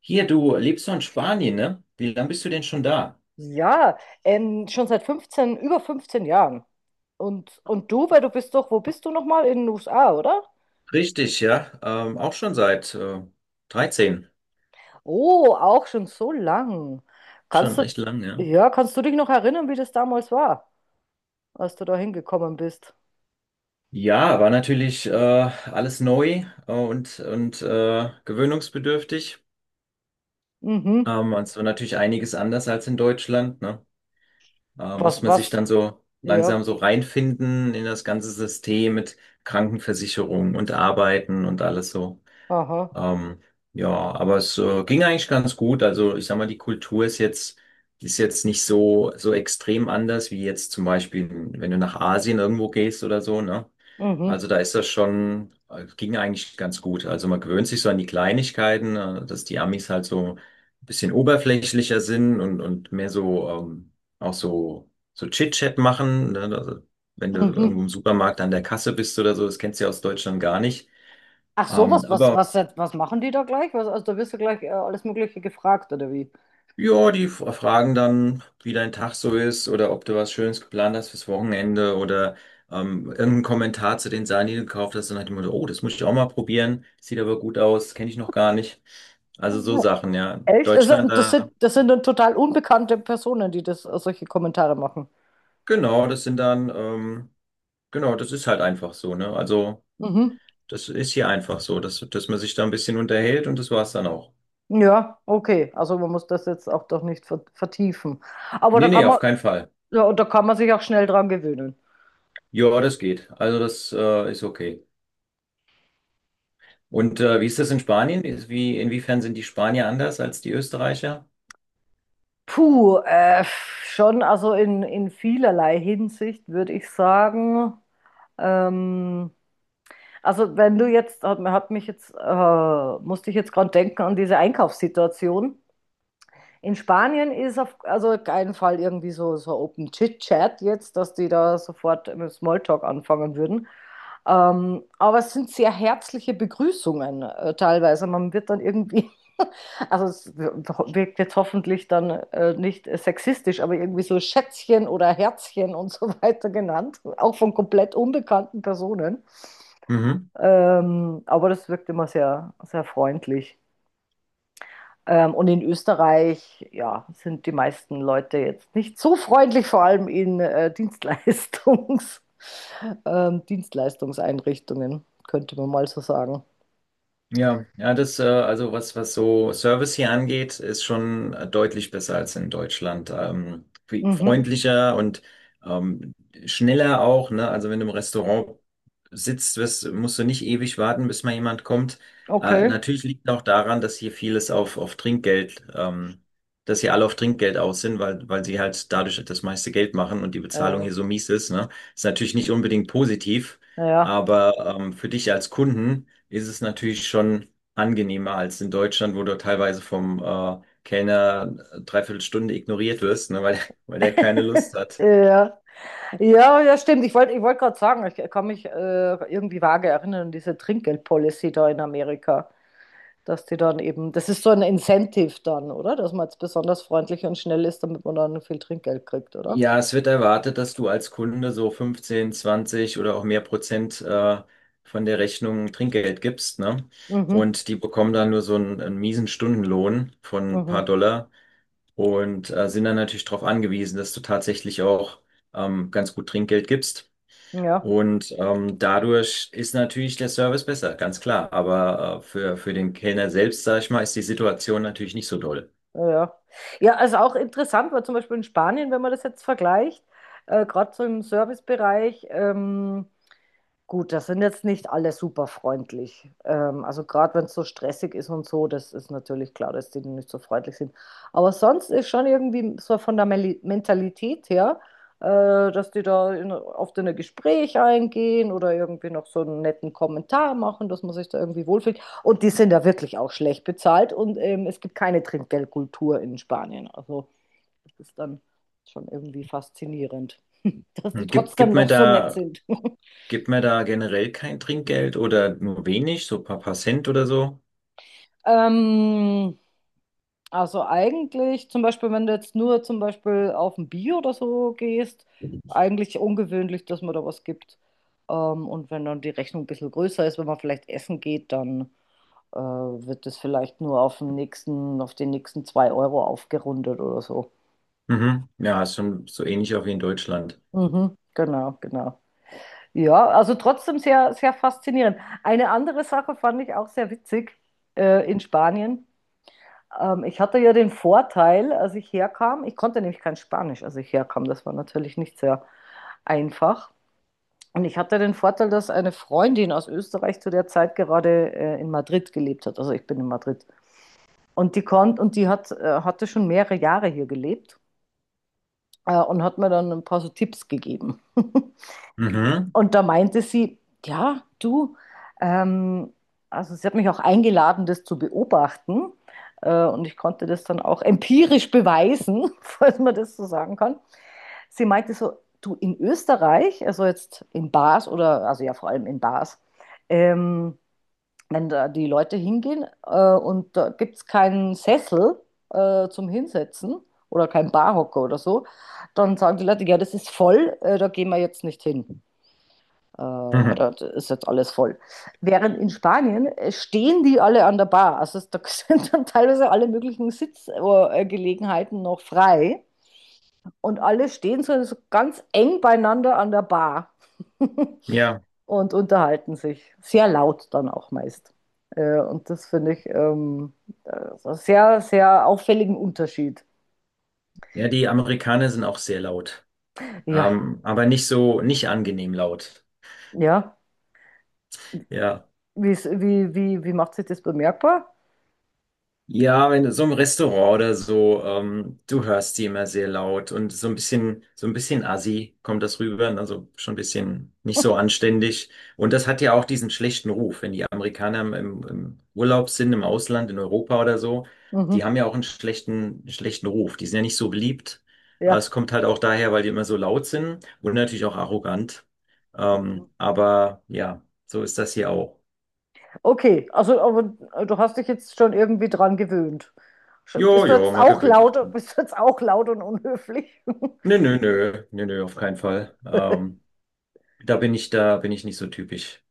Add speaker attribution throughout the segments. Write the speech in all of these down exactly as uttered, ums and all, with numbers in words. Speaker 1: Hier, du lebst doch in Spanien, ne? Wie lange bist du denn schon da?
Speaker 2: Ja, ähm, schon seit fünfzehn über fünfzehn Jahren. Und, und du, weil du bist doch, wo bist du nochmal? In den U S A, oder?
Speaker 1: Richtig, ja. Ähm, auch schon seit äh, dreizehn.
Speaker 2: Oh, auch schon so lang.
Speaker 1: Schon
Speaker 2: Kannst du,
Speaker 1: recht lang, ja.
Speaker 2: ja, kannst du dich noch erinnern, wie das damals war, als du da hingekommen bist?
Speaker 1: Ja, war natürlich äh, alles neu äh, und, und äh, gewöhnungsbedürftig.
Speaker 2: Mhm.
Speaker 1: Ähm, und es war natürlich einiges anders als in Deutschland, ne? Äh,
Speaker 2: Was,
Speaker 1: muss man sich
Speaker 2: was?
Speaker 1: dann so
Speaker 2: Ja,
Speaker 1: langsam so reinfinden in das ganze System mit Krankenversicherung und Arbeiten und alles so.
Speaker 2: aha.
Speaker 1: Ähm, ja, aber es äh, ging eigentlich ganz gut. Also ich sag mal, die Kultur ist jetzt, ist jetzt nicht so, so extrem anders wie jetzt zum Beispiel, wenn du nach Asien irgendwo gehst oder so, ne?
Speaker 2: Mhm.
Speaker 1: Also da ist das schon, äh, ging eigentlich ganz gut. Also man gewöhnt sich so an die Kleinigkeiten, äh, dass die Amis halt so ein bisschen oberflächlicher sind und, und mehr so ähm, auch so, so Chit-Chat machen. Ne? Also, wenn du
Speaker 2: Mhm.
Speaker 1: irgendwo im Supermarkt an der Kasse bist oder so, das kennst du ja aus Deutschland gar nicht.
Speaker 2: Ach so,
Speaker 1: Ähm,
Speaker 2: was, was,
Speaker 1: aber
Speaker 2: was, was machen die da gleich? Was, also da wirst du gleich äh, alles Mögliche gefragt, oder wie?
Speaker 1: ja, die f- fragen dann, wie dein Tag so ist oder ob du was Schönes geplant hast fürs Wochenende oder ähm, irgendeinen Kommentar zu den Sachen, die du gekauft hast. Dann hat jemand, oh, das muss ich auch mal probieren. Sieht aber gut aus, kenne ich noch gar nicht. Also so Sachen, ja.
Speaker 2: Echt? Also,
Speaker 1: Deutschland
Speaker 2: das sind,
Speaker 1: da,
Speaker 2: das sind dann total unbekannte Personen, die das, solche Kommentare machen.
Speaker 1: genau, das sind dann, ähm, genau, das ist halt einfach so, ne? Also
Speaker 2: Mhm.
Speaker 1: das ist hier einfach so, dass, dass man sich da ein bisschen unterhält und das war's dann auch.
Speaker 2: Ja, okay. Also man muss das jetzt auch doch nicht ver- vertiefen. Aber da
Speaker 1: Nee, nee,
Speaker 2: kann man,
Speaker 1: auf keinen Fall.
Speaker 2: ja, und da kann man sich auch schnell dran gewöhnen.
Speaker 1: Ja, das geht. Also das äh, ist okay. Und äh, wie ist das in Spanien? Ist- Wie, inwiefern sind die Spanier anders als die Österreicher?
Speaker 2: Puh, äh, schon, also in, in vielerlei Hinsicht würde ich sagen. Ähm, also wenn du jetzt, hat, hat mich jetzt, äh, musste ich jetzt gerade denken an diese Einkaufssituation. In Spanien ist auf also keinen Fall irgendwie so, so Open Chit-Chat jetzt, dass die da sofort mit Smalltalk anfangen würden. Ähm, aber es sind sehr herzliche Begrüßungen äh, teilweise. Man wird dann irgendwie, also es wirkt jetzt hoffentlich dann äh, nicht sexistisch, aber irgendwie so Schätzchen oder Herzchen und so weiter genannt, auch von komplett unbekannten Personen.
Speaker 1: Mhm.
Speaker 2: Ähm, aber das wirkt immer sehr, sehr freundlich. Ähm, und in Österreich, ja, sind die meisten Leute jetzt nicht so freundlich, vor allem in äh, Dienstleistungs, ähm, Dienstleistungseinrichtungen, könnte man mal so sagen.
Speaker 1: Ja, ja, das, äh, also was, was so Service hier angeht, ist schon äh, deutlich besser als in Deutschland. Ähm, viel
Speaker 2: Mhm.
Speaker 1: freundlicher und ähm, schneller auch, ne? Also wenn du im Restaurant sitzt, wirst, musst du nicht ewig warten, bis mal jemand kommt. Äh,
Speaker 2: Okay.
Speaker 1: natürlich liegt auch daran, dass hier vieles auf, auf Trinkgeld, ähm, dass hier alle auf Trinkgeld aus sind, weil, weil sie halt dadurch das meiste Geld machen und die Bezahlung
Speaker 2: Äh,
Speaker 1: hier so mies ist, ne? Ist natürlich nicht unbedingt positiv,
Speaker 2: ja.
Speaker 1: aber ähm, für dich als Kunden ist es natürlich schon angenehmer als in Deutschland, wo du teilweise vom äh, Kellner dreiviertel Stunde ignoriert wirst, ne, weil, weil der keine Lust hat.
Speaker 2: Ja, ja, ja, stimmt. Ich wollte, ich wollte gerade sagen, ich kann mich äh, irgendwie vage erinnern an diese Trinkgeldpolicy da in Amerika, dass die dann eben, das ist so ein Incentive dann, oder? Dass man jetzt besonders freundlich und schnell ist, damit man dann viel Trinkgeld kriegt, oder?
Speaker 1: Ja, es wird erwartet, dass du als Kunde so fünfzehn, zwanzig oder auch mehr Prozent äh, von der Rechnung Trinkgeld gibst, ne?
Speaker 2: Mhm.
Speaker 1: Und die bekommen dann nur so einen, einen miesen Stundenlohn von ein
Speaker 2: Mhm.
Speaker 1: paar Dollar und äh, sind dann natürlich darauf angewiesen, dass du tatsächlich auch ähm, ganz gut Trinkgeld gibst.
Speaker 2: Ja,
Speaker 1: Und ähm, dadurch ist natürlich der Service besser, ganz klar. Aber äh, für, für den Kellner selbst, sag ich mal, ist die Situation natürlich nicht so doll.
Speaker 2: ja. Ja, ja, also auch interessant war zum Beispiel in Spanien, wenn man das jetzt vergleicht, äh, gerade so im Servicebereich. Ähm, Gut, das sind jetzt nicht alle super freundlich. Ähm, also gerade wenn es so stressig ist und so, das ist natürlich klar, dass die nicht so freundlich sind. Aber sonst ist schon irgendwie so von der Meli- Mentalität her, äh, dass die da in, oft in ein Gespräch eingehen oder irgendwie noch so einen netten Kommentar machen, dass man sich da irgendwie wohlfühlt. Und die sind da wirklich auch schlecht bezahlt und ähm, es gibt keine Trinkgeldkultur in Spanien. Also das ist dann schon irgendwie faszinierend, dass die
Speaker 1: Hm. Gibt, gibt
Speaker 2: trotzdem
Speaker 1: mir
Speaker 2: noch so nett
Speaker 1: da,
Speaker 2: sind.
Speaker 1: gibt mir da generell kein Trinkgeld oder nur wenig, so ein paar, paar Cent oder so?
Speaker 2: Ähm, also eigentlich, zum Beispiel, wenn du jetzt nur zum Beispiel auf ein Bier oder so gehst, eigentlich ungewöhnlich, dass man da was gibt. Ähm, und wenn dann die Rechnung ein bisschen größer ist, wenn man vielleicht essen geht, dann äh, wird das vielleicht nur auf den nächsten, auf den nächsten zwei Euro aufgerundet oder so.
Speaker 1: Mhm. Ja, ist schon so ähnlich auch wie in Deutschland.
Speaker 2: Mhm, genau, genau. Ja, also trotzdem sehr, sehr faszinierend. Eine andere Sache fand ich auch sehr witzig äh, in Spanien. Ähm, ich hatte ja den Vorteil, als ich herkam, ich konnte nämlich kein Spanisch, als ich herkam. Das war natürlich nicht sehr einfach. Und ich hatte den Vorteil, dass eine Freundin aus Österreich zu der Zeit gerade äh, in Madrid gelebt hat. Also ich bin in Madrid. Und die konnte und die hat, äh, hatte schon mehrere Jahre hier gelebt äh, und hat mir dann ein paar so Tipps gegeben.
Speaker 1: Mhm.
Speaker 2: Und da meinte sie, ja, du, ähm, also sie hat mich auch eingeladen, das zu beobachten. Äh, und ich konnte das dann auch empirisch beweisen, falls man das so sagen kann. Sie meinte so, du, in Österreich, also jetzt in Bars oder, also ja, vor allem in Bars, ähm, wenn da die Leute hingehen äh, und da gibt es keinen Sessel äh, zum Hinsetzen oder keinen Barhocker oder so, dann sagen die Leute, ja, das ist voll, äh, da gehen wir jetzt nicht hin. Äh, weil
Speaker 1: Mhm.
Speaker 2: da ist jetzt alles voll. Während in Spanien äh, stehen die alle an der Bar. Also es- da sind dann teilweise alle möglichen Sitzgelegenheiten noch frei. Und alle stehen so, so ganz eng beieinander an der Bar
Speaker 1: Ja.
Speaker 2: und unterhalten sich. Sehr laut dann auch meist. Äh, und das finde ich ähm, äh, so einen sehr, sehr auffälligen Unterschied.
Speaker 1: Ja, die Amerikaner sind auch sehr laut.
Speaker 2: Ja,
Speaker 1: Ähm, aber nicht so, nicht angenehm laut.
Speaker 2: ja.
Speaker 1: Ja.
Speaker 2: Wie's, wie, wie, wie macht sich das bemerkbar?
Speaker 1: Ja, wenn du so im Restaurant oder so, ähm, du hörst die immer sehr laut und so ein bisschen, so ein bisschen assi kommt das rüber, ne, also schon ein bisschen nicht so anständig. Und das hat ja auch diesen schlechten Ruf, wenn die Amerikaner im, im im Urlaub sind, im Ausland, in Europa oder so, die
Speaker 2: Mhm.
Speaker 1: haben ja auch einen schlechten, einen schlechten Ruf. Die sind ja nicht so beliebt. Äh,
Speaker 2: Ja.
Speaker 1: Es kommt halt auch daher, weil die immer so laut sind und natürlich auch arrogant. Ähm, aber ja, so ist das hier auch.
Speaker 2: Okay, also aber äh, du hast dich jetzt schon irgendwie dran gewöhnt. Sch-
Speaker 1: Jo,
Speaker 2: Bist du
Speaker 1: jo,
Speaker 2: jetzt
Speaker 1: man
Speaker 2: auch
Speaker 1: gewöhnt sich
Speaker 2: laut,
Speaker 1: dran.
Speaker 2: bist du jetzt auch laut und unhöflich?
Speaker 1: Nö, nö, nö, nö, nö, auf keinen Fall. Ähm, da bin ich, da bin ich nicht so typisch.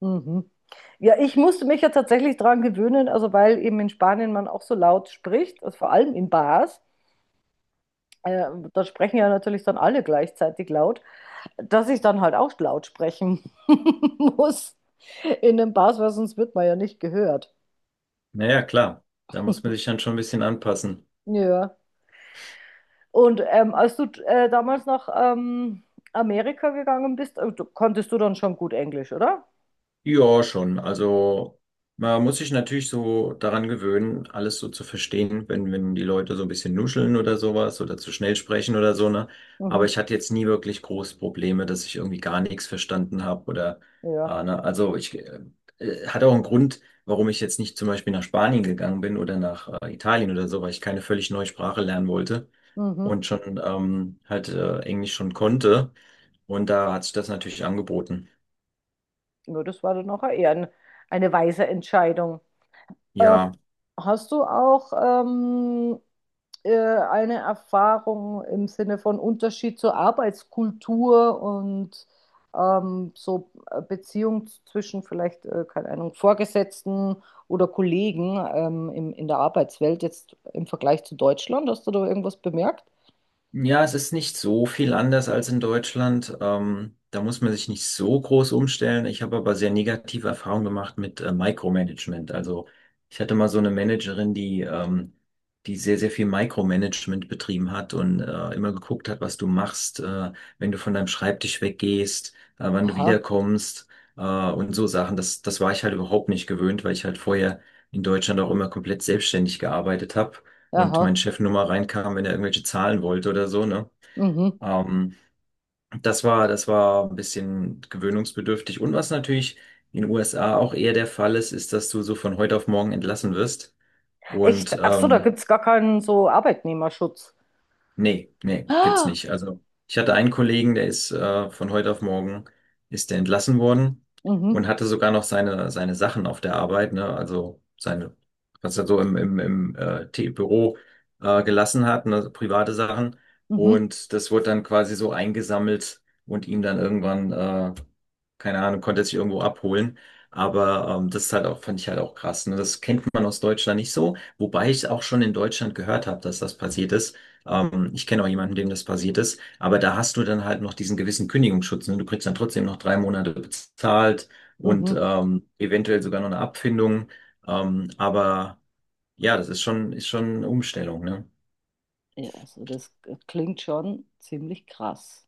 Speaker 2: Mhm. Ja, ich musste mich ja tatsächlich dran gewöhnen, also weil eben in Spanien man auch so laut spricht, also vor allem in Bars, äh, da sprechen ja natürlich dann alle gleichzeitig laut, dass ich dann halt auch laut sprechen muss in den Bars, weil sonst wird man ja nicht gehört.
Speaker 1: Naja, klar, da muss man sich dann schon ein bisschen anpassen.
Speaker 2: Ja. Und ähm, als du äh, damals nach ähm, Amerika gegangen bist, äh, du, konntest du dann schon gut Englisch, oder?
Speaker 1: Ja, schon. Also man muss sich natürlich so daran gewöhnen, alles so zu verstehen, wenn, wenn die Leute so ein bisschen nuscheln oder sowas oder zu schnell sprechen oder so, ne? Aber
Speaker 2: Mhm.
Speaker 1: ich hatte jetzt nie wirklich große Probleme, dass ich irgendwie gar nichts verstanden habe oder,
Speaker 2: Ja.
Speaker 1: äh, ne? Also ich äh, äh, hat auch einen Grund, warum ich jetzt nicht zum Beispiel nach Spanien gegangen bin oder nach äh, Italien oder so, weil ich keine völlig neue Sprache lernen wollte
Speaker 2: Mhm.
Speaker 1: und schon ähm, halt äh, Englisch schon konnte. Und da hat sich das natürlich angeboten.
Speaker 2: Ja, das war dann auch eher ein, eine weise Entscheidung. Ähm,
Speaker 1: Ja,
Speaker 2: Hast du auch ähm, äh, eine Erfahrung im Sinne von Unterschied zur Arbeitskultur und ähm, so äh, Beziehung zwischen vielleicht, äh, keine Ahnung, Vorgesetzten oder Kollegen ähm, im, in der Arbeitswelt jetzt im Vergleich zu Deutschland? Hast du da irgendwas bemerkt?
Speaker 1: ja, es ist nicht so viel anders als in Deutschland. Ähm, da muss man sich nicht so groß umstellen. Ich habe aber sehr negative Erfahrungen gemacht mit äh, Micromanagement. Also ich hatte mal so eine Managerin, die, ähm, die sehr, sehr viel Micromanagement betrieben hat und äh, immer geguckt hat, was du machst, äh, wenn du von deinem Schreibtisch weggehst, äh, wann du
Speaker 2: Aha,
Speaker 1: wiederkommst äh, und so Sachen. Das, das war ich halt überhaupt nicht gewöhnt, weil ich halt vorher in Deutschland auch immer komplett selbstständig gearbeitet habe und
Speaker 2: aha,
Speaker 1: mein Chef nur mal reinkam, wenn er irgendwelche Zahlen wollte oder so, ne?
Speaker 2: mhm.
Speaker 1: Ähm, das war, das war ein bisschen gewöhnungsbedürftig. Und was natürlich in den U S A auch eher der Fall ist, ist, dass du so von heute auf morgen entlassen wirst. Und
Speaker 2: Echt? Ach so, da
Speaker 1: ähm,
Speaker 2: gibt es gar keinen so Arbeitnehmerschutz.
Speaker 1: nee, nee, gibt's
Speaker 2: Ah,
Speaker 1: nicht. Also ich hatte einen Kollegen, der ist äh, von heute auf morgen ist der entlassen worden
Speaker 2: mhm,
Speaker 1: und hatte sogar noch seine seine Sachen auf der Arbeit, ne? Also seine, was er so im im, im äh, T- Büro äh, gelassen hat, ne? Private Sachen.
Speaker 2: mhm,
Speaker 1: Und das wurde dann quasi so eingesammelt und ihm dann irgendwann, äh, keine Ahnung, konnte er sich irgendwo abholen. Aber ähm, das ist halt auch, fand ich halt auch krass. Ne? Das kennt man aus Deutschland nicht so, wobei ich auch schon in Deutschland gehört habe, dass das passiert ist. Ähm, ich kenne auch jemanden, dem das passiert ist, aber da hast du dann halt noch diesen gewissen Kündigungsschutz. Ne? Du kriegst dann trotzdem noch drei Monate bezahlt und
Speaker 2: mhm.
Speaker 1: ähm, eventuell sogar noch eine Abfindung. Ähm, aber ja, das ist schon, ist schon eine Umstellung, ne?
Speaker 2: Ja, also das äh, klingt schon ziemlich krass.